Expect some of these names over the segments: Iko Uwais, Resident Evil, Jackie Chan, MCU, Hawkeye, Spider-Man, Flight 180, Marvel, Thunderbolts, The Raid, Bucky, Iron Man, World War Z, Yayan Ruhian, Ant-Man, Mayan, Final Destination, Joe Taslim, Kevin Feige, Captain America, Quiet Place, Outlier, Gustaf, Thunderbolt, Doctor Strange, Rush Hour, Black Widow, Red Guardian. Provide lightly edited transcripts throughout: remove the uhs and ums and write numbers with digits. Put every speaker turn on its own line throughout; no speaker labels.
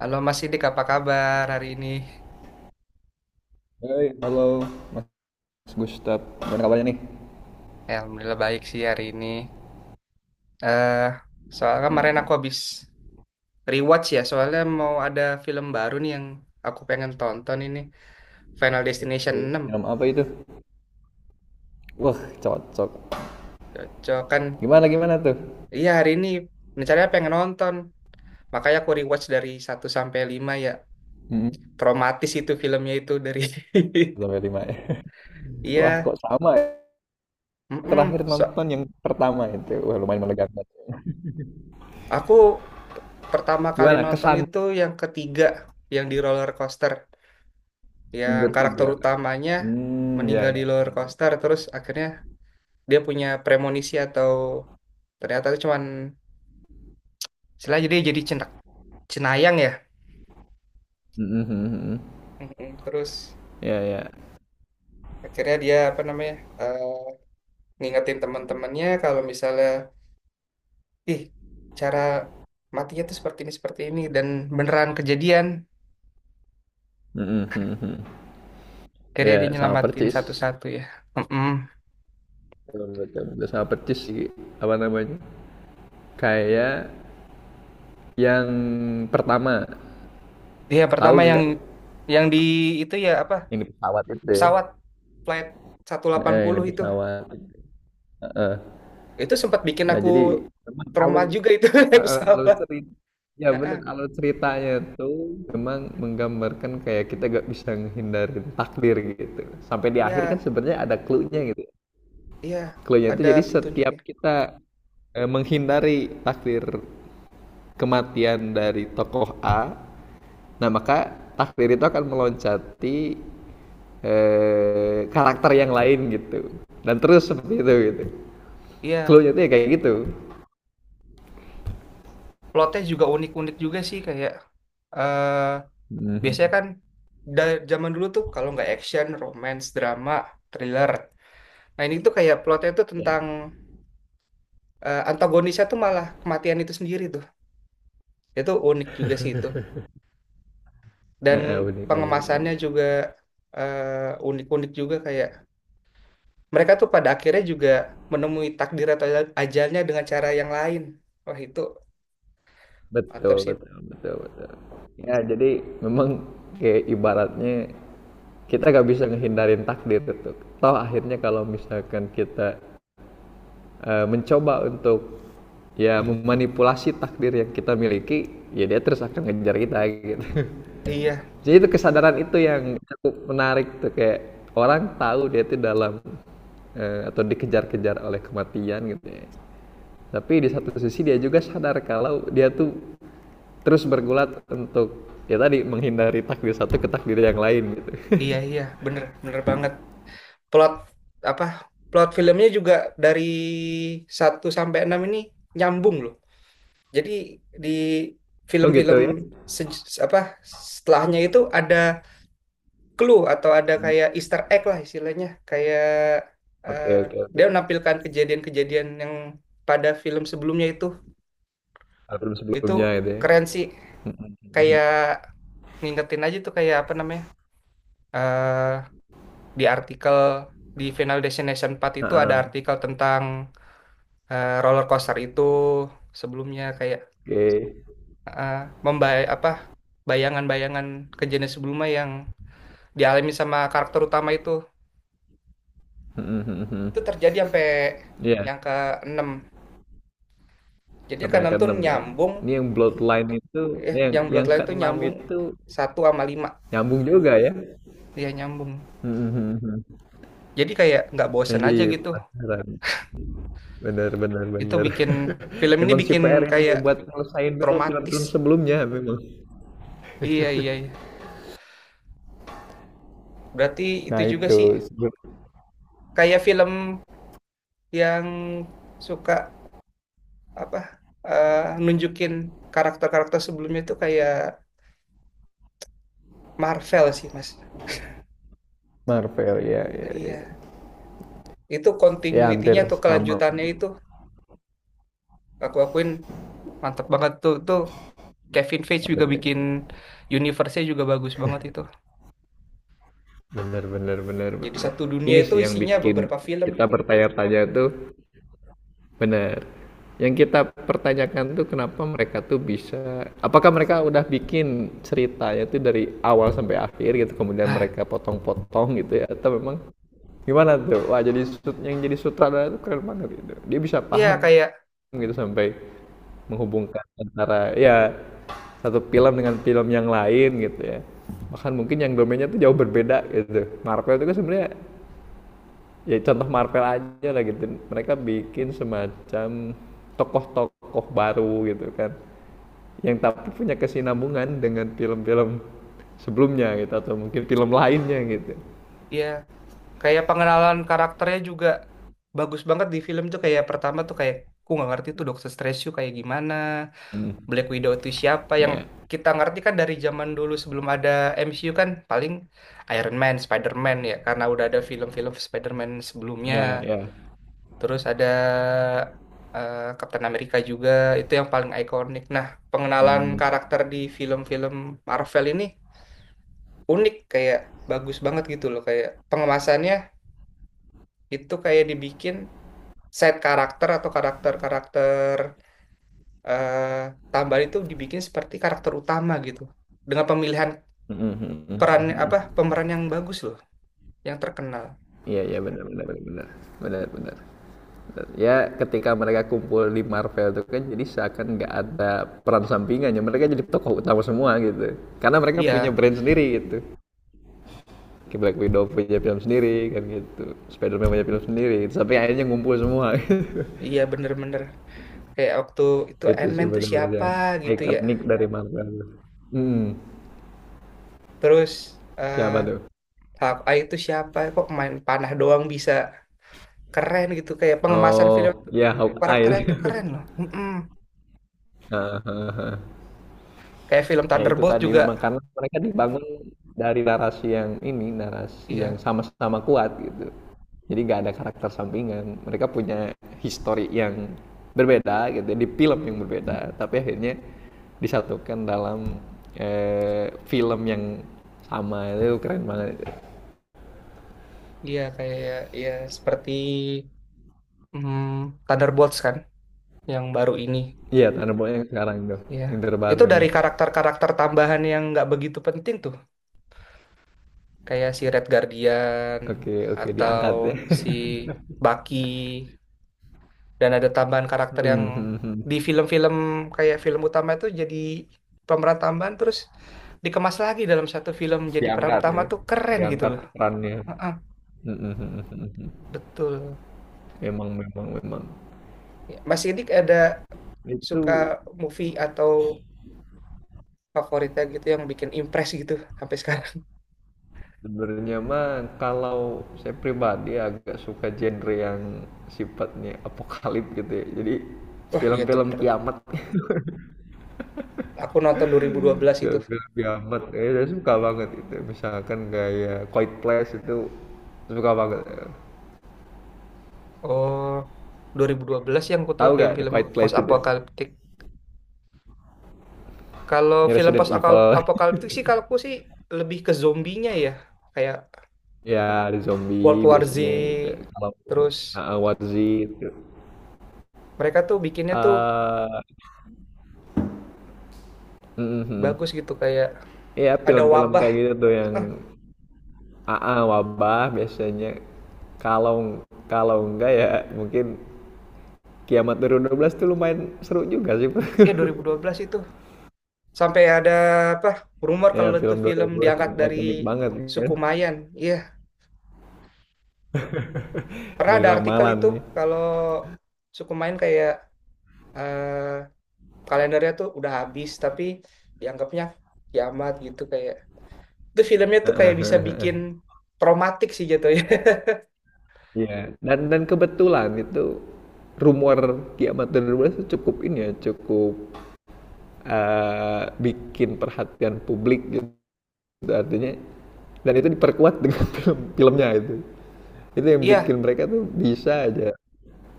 Halo Mas Sidik, apa kabar hari ini?
Hai, halo Mas Gustaf. Gimana kabarnya nih?
Ya, Alhamdulillah baik sih hari ini. eh Soalnya kemarin aku habis rewatch, ya, soalnya mau ada film baru nih yang aku pengen tonton ini. Final Destination
Oke.
enam.
Minum apa itu? Wah, cocok.
Cocok kan?
Gimana gimana tuh?
Iya, hari ini rencananya pengen nonton. Makanya aku rewatch dari satu sampai 5 ya.
mm
Traumatis itu filmnya itu dari
Sampai lima ya. Wah,
Iya.
kok sama ya? Terakhir
Mm. So,
nonton yang pertama itu. Wah, lumayan melegakan.
aku p- pertama kali
Gimana
nonton
kesan
itu yang ketiga, yang di roller coaster,
yang
yang karakter
ketiga?
utamanya
Hmm, ya
meninggal di
ya.
roller
Ya,
coaster. Terus akhirnya dia punya premonisi atau ternyata itu cuman setelah jadi cenayang ya.
mm-mm, mm
Mm-mm. Terus
ya. Ya.
akhirnya dia apa namanya, eh, ngingetin teman-temannya kalau misalnya ih cara matinya tuh seperti ini dan beneran kejadian.
Mm-mm, mm.
Akhirnya dia
Ya, sama
nyelamatin
percis.
satu-satu ya. Mm-mm.
Betul, betul, betul. Sama percis sih. Apa namanya? Kayak yang pertama.
Dia
Tahu
pertama yang
gak?
yang di itu, ya, apa,
Yang di pesawat itu ya.
pesawat flight
Ini
180 itu.
pesawat. Heeh.
Itu sempat bikin
Nah,
aku
jadi memang
trauma
alur
juga itu naik
heeh, alur
pesawat.
cerita ya
Heeh.
benar alur ceritanya tuh memang menggambarkan kayak kita gak bisa menghindarin takdir gitu. Sampai di akhir kan
Iya,
sebenarnya ada clue-nya gitu.
iya,
Clue-nya tuh
ada
jadi setiap
petunjuknya.
kita menghindari takdir kematian dari tokoh A, nah maka takdir itu akan meloncati karakter yang lain gitu. Dan terus seperti itu gitu.
Iya,
Clue-nya tuh ya kayak gitu.
plotnya juga unik-unik juga sih, kayak eh biasanya
Mhm,
kan zaman dulu tuh kalau nggak action, romance, drama, thriller. Nah, ini tuh kayak plotnya tuh
ya,
tentang, antagonisnya tuh malah kematian itu sendiri tuh. Itu unik juga sih itu. Dan
heeh, unik unik
pengemasannya
unik.
juga, eh, unik-unik juga, kayak mereka tuh pada akhirnya juga menemui takdir atau ajalnya dengan cara yang lain. Wah, itu mantap
Betul
sih.
betul betul betul. Ya, jadi memang kayak ibaratnya kita gak bisa ngehindarin takdir itu. Toh akhirnya kalau misalkan kita, mencoba untuk, ya memanipulasi takdir yang kita miliki, ya dia terus akan ngejar kita gitu.
Iya,
Jadi itu kesadaran itu yang cukup menarik tuh kayak orang tahu dia itu dalam, atau dikejar-kejar oleh kematian gitu ya. Tapi di satu sisi dia juga sadar kalau dia tuh terus bergulat untuk ya tadi menghindari takdir satu ke takdir yang lain gitu.
iya, iya, bener, bener banget. Plot apa? Plot filmnya juga dari satu sampai 6 ini nyambung loh. Jadi di
Oh gitu
film-film
ya?
apa setelahnya itu ada clue atau ada
Hmm.
kayak Easter egg lah istilahnya, kayak eh,
Oke oke
dia
oke.
menampilkan kejadian-kejadian yang pada film sebelumnya itu.
Album
Itu
sebelumnya gitu ya.
keren sih,
Mhm.
kayak ngingetin aja tuh kayak apa namanya, eh di artikel di Final Destination empat itu ada
Heeh,
artikel tentang, roller coaster itu sebelumnya, kayak
oke.
eh membay apa bayangan-bayangan kejadian sebelumnya yang dialami sama karakter utama itu
Mhm, mhm, mhm.
itu terjadi sampai
Iya,
yang ke enam. Jadi yang ke
sampai yang
enam tuh
keenam ya.
nyambung,
Ini yang Bloodline itu eh, yang
yang
yang
Bloodline tuh
keenam
nyambung
itu
satu sama lima,
nyambung juga ya.
dia nyambung,
Mhm, mhm, mhm.
jadi kayak nggak
Nah,
bosen
jadi
aja gitu.
penasaran. Benar benar
Itu
benar.
bikin film ini
Memang si
bikin
PR ini
kayak
buat ngelesain dulu
Kromatis.
film-film sebelumnya memang.
Iya, iya, iya. Berarti itu
Nah
juga sih
itu sebelum
kayak film yang suka apa, eh, nunjukin karakter-karakter sebelumnya itu kayak Marvel sih, Mas.
Marvel ya ya ya.
Iya. Itu
Ya hampir
continuity-nya atau
sama
kelanjutannya itu
memang.
aku akuin mantep banget tuh. Tuh Kevin Feige
Ada
juga
be-
bikin universe-nya juga bagus banget itu.
Benar benar benar
Jadi
benar.
satu dunia
Ini
itu
sih yang
isinya
bikin
beberapa film.
kita bertanya-tanya tuh benar. Yang kita pertanyakan tuh kenapa mereka tuh bisa, apakah mereka udah bikin ceritanya tuh dari awal sampai akhir gitu, kemudian
Ah,
mereka potong-potong gitu ya, atau memang gimana tuh? Wah jadi sut- yang jadi sutradara tuh keren banget gitu. Dia bisa
iya,
paham
kayak,
gitu sampai menghubungkan antara ya satu film dengan film yang lain gitu ya. Bahkan mungkin yang domainnya tuh jauh berbeda gitu. Marvel itu kan sebenarnya ya contoh Marvel aja lah gitu mereka bikin semacam tokoh-tokoh baru gitu kan yang tapi punya kesinambungan dengan film-film sebelumnya gitu atau mungkin film lainnya gitu
ya, kayak pengenalan karakternya juga bagus banget di film tuh, kayak pertama tuh kayak aku nggak ngerti tuh Doctor Strange tuh kayak gimana, Black Widow itu siapa, yang
ya
kita ngerti kan dari zaman dulu sebelum ada MCU kan paling Iron Man, Spider-Man, ya karena udah ada film-film Spider-Man sebelumnya.
ya ya.
Terus ada, Captain America juga, itu yang paling ikonik. Nah, pengenalan
Hmm.
karakter di film-film Marvel ini unik, kayak bagus banget gitu loh, kayak pengemasannya itu kayak dibikin set karakter atau karakter-karakter, eh, tambahan itu dibikin seperti karakter utama gitu. Dengan pemilihan peran apa pemeran yang bagus loh, yang terkenal.
Iya iya benar benar benar benar benar benar. Benar. Ya ketika mereka kumpul di Marvel itu kan jadi seakan nggak ada peran sampingannya mereka jadi tokoh utama semua gitu karena mereka punya
Iya,
brand sendiri gitu. Kayak Black Widow punya film sendiri kan gitu. Spider-Man punya film sendiri gitu, sampai akhirnya ngumpul semua gitu.
iya, bener-bener, kayak waktu itu
Itu sih
Ant-Man tuh
bener-bener
siapa
yang
gitu ya.
ikonik dari Marvel. Hmm,
Terus eh
siapa tuh?
Hawkeye itu siapa? Kok main panah doang bisa keren gitu, kayak pengemasan film
Oh
tuh,
ya, Hawkeye.
karakternya tuh keren loh. Mm-mm.
Heeh, heeh, heeh.
Kayak film
Ya itu
Thunderbolt
tadi
juga.
memang karena mereka dibangun dari narasi yang
Iya,
sama-sama kuat gitu. Jadi nggak ada karakter sampingan. Mereka punya histori yang berbeda gitu, di film yang berbeda, tapi akhirnya disatukan dalam film yang sama itu keren banget itu.
iya, kayak iya seperti, Thunderbolts kan, yang baru ini
Iya, Thunderbolt yang sekarang tuh,
ya.
yang terbaru
Itu
ini.
dari karakter-karakter tambahan yang nggak begitu penting tuh kayak si Red Guardian
Oke, oke,
atau
diangkat ya.
si Bucky, dan ada tambahan karakter yang
Hmm, hmm, hmm.
di film-film kayak film utama itu jadi pemeran tambahan, terus dikemas lagi dalam satu film jadi peran
Diangkat
utama,
ya,
tuh keren gitu
diangkat
loh.
perannya.
Heeh,
Hmm, hmm, hmm, hmm, hmm.
betul.
Memang memang memang.
Ya, Mas Idik ada
Itu
suka movie atau favoritnya gitu yang bikin impress gitu sampai sekarang?
sebenarnya mah kalau saya pribadi agak suka genre yang sifatnya apokalip gitu ya. Jadi
Wah, iya tuh bener.
film-film kiamat,
Aku nonton 2012 itu.
saya suka banget itu. Misalkan kayak Quiet Place itu suka banget.
Oh, 2012 yang ku tahu
Tahu gak The
film-film
Quiet
post
Place itu?
apokaliptik. Kalau
Ini
film
Resident
post
Evil.
apokaliptik sih kalau aku sih lebih ke zombinya ya. Kayak
Ya, ada
World
zombie
War
biasanya gitu.
Z,
Kalau
terus
Warzy itu.
mereka tuh bikinnya tuh
eh mhm.
bagus gitu, kayak
Iya,
ada
film-film
wabah.
kayak gitu tuh yang
Ah,
Wabah biasanya kalau kalau enggak ya mungkin Kiamat dua dua ribu dua belas tuh lumayan seru juga sih.
2012 itu sampai ada apa? Rumor
Ya
kalau itu
film
film
2012
diangkat dari
ikonik banget
suku
kan.
Mayan. Iya, pernah
Dari
ada artikel itu
ramalan nih.
kalau suku Mayan kayak, eh, kalendernya tuh udah habis tapi dianggapnya kiamat gitu, kayak itu filmnya tuh kayak bisa
Ya
bikin traumatik sih jatuhnya.
dan kebetulan itu rumor kiamat dua dua ribu dua belas itu cukup ini ya, cukup bikin perhatian publik gitu. Artinya dan itu diperkuat dengan film filmnya itu. Itu yang
Iya,
bikin mereka tuh bisa aja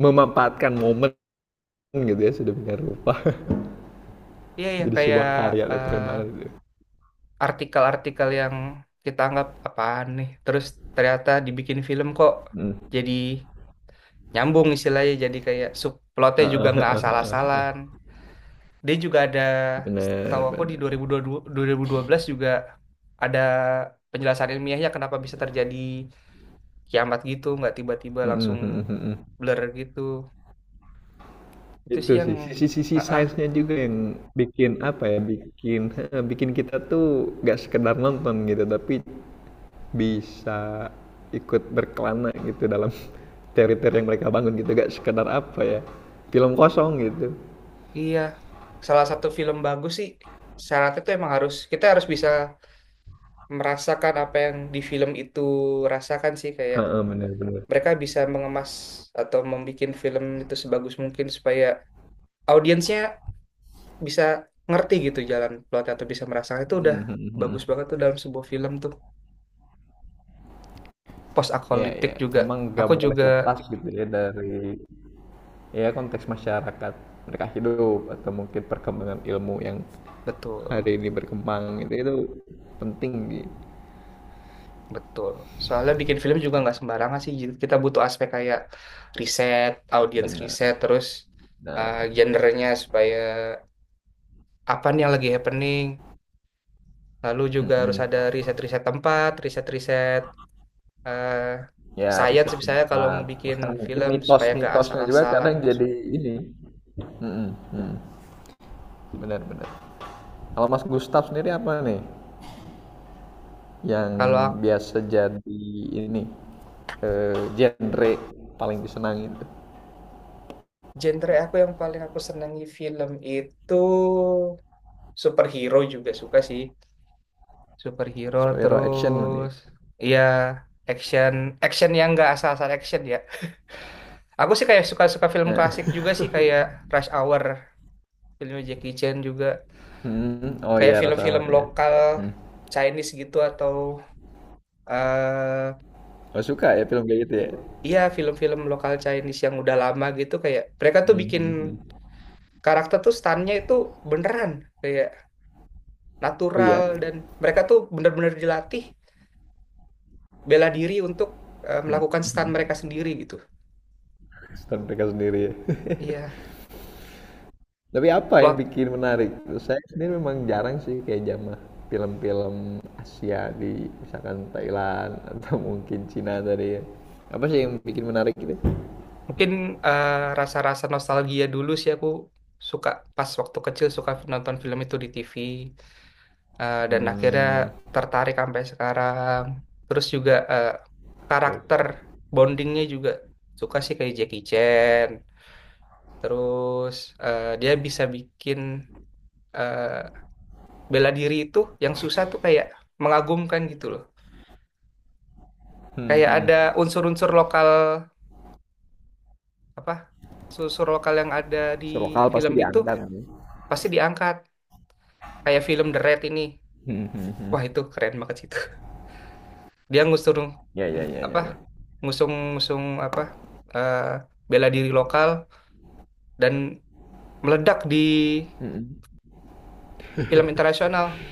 memanfaatkan momen gitu ya sudah punya rupa.
iya, iya,
Jadi
kayak,
sebuah karya tuh keren banget
eh,
itu.
artikel-artikel yang kita anggap apaan nih, terus ternyata dibikin film kok,
Hmm.
jadi nyambung istilahnya, jadi kayak subplotnya juga
Heeh, heeh,
nggak
heeh, heeh.
asal-asalan. Dia juga ada, tahu,
Bener
aku di
bener.
2022, 2012 juga ada penjelasan ilmiahnya kenapa bisa terjadi kiamat gitu, nggak tiba-tiba
Hmm,
langsung
hmm, hmm, hmm.
blur gitu. Itu
Itu
sih yang,
sih sisi-sisi
ah ah,
sainsnya juga yang bikin apa ya bikin heeh, bikin kita tuh nggak sekedar nonton gitu tapi bisa ikut berkelana gitu dalam teori-teori yang mereka bangun gitu gak sekedar apa ya film kosong gitu.
iya, salah satu film bagus sih syaratnya tuh emang harus, kita harus bisa merasakan apa yang di film itu rasakan sih, kayak
Heeh, bener bener.
mereka bisa mengemas atau membuat film itu sebagus mungkin supaya audiensnya bisa ngerti gitu jalan plot atau bisa merasakan, itu udah
Hmm, hmm, hmm,
bagus
hmm.
banget tuh dalam sebuah film tuh post
Ya,
apokaliptik
ya,
juga,
memang nggak
aku
boleh
juga
lepas gitu ya dari ya konteks masyarakat mereka hidup atau mungkin perkembangan ilmu yang
betul.
hari ini berkembang itu penting gitu.
Betul. Soalnya bikin film juga nggak sembarangan sih. Jadi kita butuh aspek kayak riset, audience riset,
Benar,
terus,
benar.
gendernya supaya apa nih yang lagi happening. Lalu juga harus ada
Mm-mm.
riset-riset tempat, riset-riset, uh,
Ya
science
riset
misalnya kalau
tempat
mau bikin
bahkan mungkin
film supaya nggak
mitos-mitosnya juga
asal-asalan.
kadang jadi ini. Mm-mm, mm. Benar, benar. Kalau Mas Gustaf sendiri apa nih yang
Kalau
biasa jadi ini genre paling disenangi itu?
genre aku yang paling aku senangi film itu superhero juga suka sih. Superhero,
Superhero action berarti, ya?
terus, iya, action action yang nggak asal-asal action ya. Aku sih kayak suka-suka film klasik
Eh,
juga sih kayak Rush Hour, filmnya Jackie Chan juga.
hmm, oh
Kayak
iya Rush
film-film
Hour ya.
lokal
Hmm.
Chinese gitu atau eh
Oh suka ya film kayak gitu ya.
iya film-film lokal Chinese yang udah lama gitu, kayak mereka tuh
Hmm,
bikin
hmm, hmm, hmm.
karakter tuh stunnya itu beneran kayak
Oh
natural,
iya.
dan mereka tuh bener-bener dilatih bela diri untuk,
Hmm,
melakukan
hmm,
stun
hmm.
mereka sendiri gitu.
Star mereka sendiri ya.
Iya,
Tapi apa yang
plot.
bikin menarik? Saya sendiri memang jarang sih kayak jamah film-film Asia di misalkan Thailand atau mungkin Cina tadi ya. Apa sih yang bikin menarik gitu?
Mungkin, eh, rasa-rasa nostalgia dulu sih aku suka pas waktu kecil suka nonton film itu di TV, dan akhirnya
Hmm,
tertarik sampai sekarang. Terus juga,
ya.
karakter bondingnya juga suka sih kayak Jackie Chan. Terus, dia bisa bikin, eh, bela diri itu yang susah tuh kayak mengagumkan gitu loh.
Hmm,
Kayak
hmm.
ada unsur-unsur lokal apa? Unsur lokal yang ada di
So, lokal pasti
film itu
diangkat ya.
pasti diangkat, kayak film The Raid ini,
Hmm, hmm, hmm.
wah itu keren banget sih itu. Dia ngusung
Ya ya ya
apa,
ya ya.
ngusung ngusung apa, eh, bela diri lokal, dan meledak di
Hmm, hmm.
film internasional,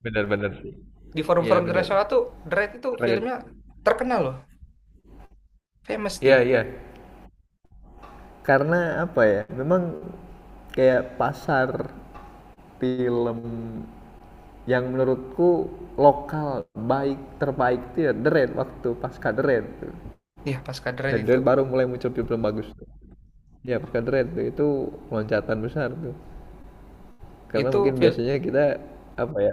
Benar-benar sih.
di
Iya
forum-forum
benar.
internasional tuh, The Raid itu
Keren.
filmnya terkenal loh, famous
Iya,
dia.
iya. Karena apa ya? Memang kayak pasar film yang menurutku lokal baik terbaik itu ya The Raid waktu pasca The Raid tuh.
Iya, pasca The Raid
Dari
itu
The Raid baru mulai muncul film bagus tuh. Ya pasca The Raid tuh itu loncatan besar tuh. Karena mungkin
film.
biasanya kita apa ya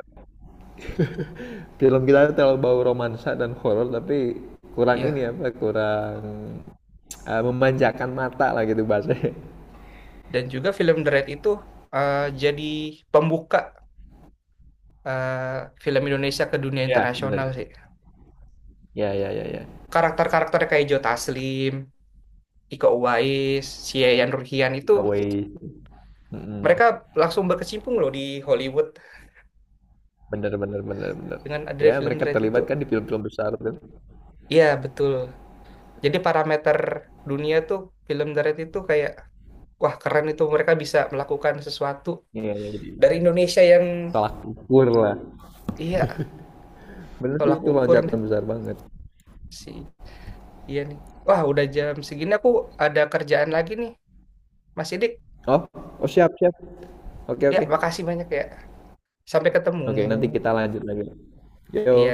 film kita terlalu bau romansa dan horor tapi kurang ini
Iya,
apa kurang memanjakan mata lah gitu bahasanya.
dan juga film The Raid itu, jadi pembuka, eh, film Indonesia ke dunia
Iya, bener.
internasional sih.
Ya, ya, ya, ya.
Karakter-karakter kayak Joe Taslim, Iko Uwais, si Yayan Ruhian itu
Giveaway. Mm-mm.
mereka langsung berkecimpung loh di Hollywood
Bener, bener, bener, bener.
dengan ada
Ya,
film The
mereka
Raid itu.
terlibat kan di film-film besar kan.
Iya, betul. Jadi parameter dunia tuh film The Raid itu kayak, wah, keren itu mereka bisa melakukan sesuatu
Iya, iya, jadi
dari Indonesia yang,
tolak ukur lah.
iya,
Bener sih
tolak
itu
ukur nih
loncatan besar banget.
si, iya nih. Wah, udah jam segini aku ada kerjaan lagi nih. Mas Sidik,
Oh, oh siap, siap. Oke,
ya,
oke.
makasih banyak ya. Sampai ketemu.
Oke, nanti kita lanjut lagi. Yo.
Iya.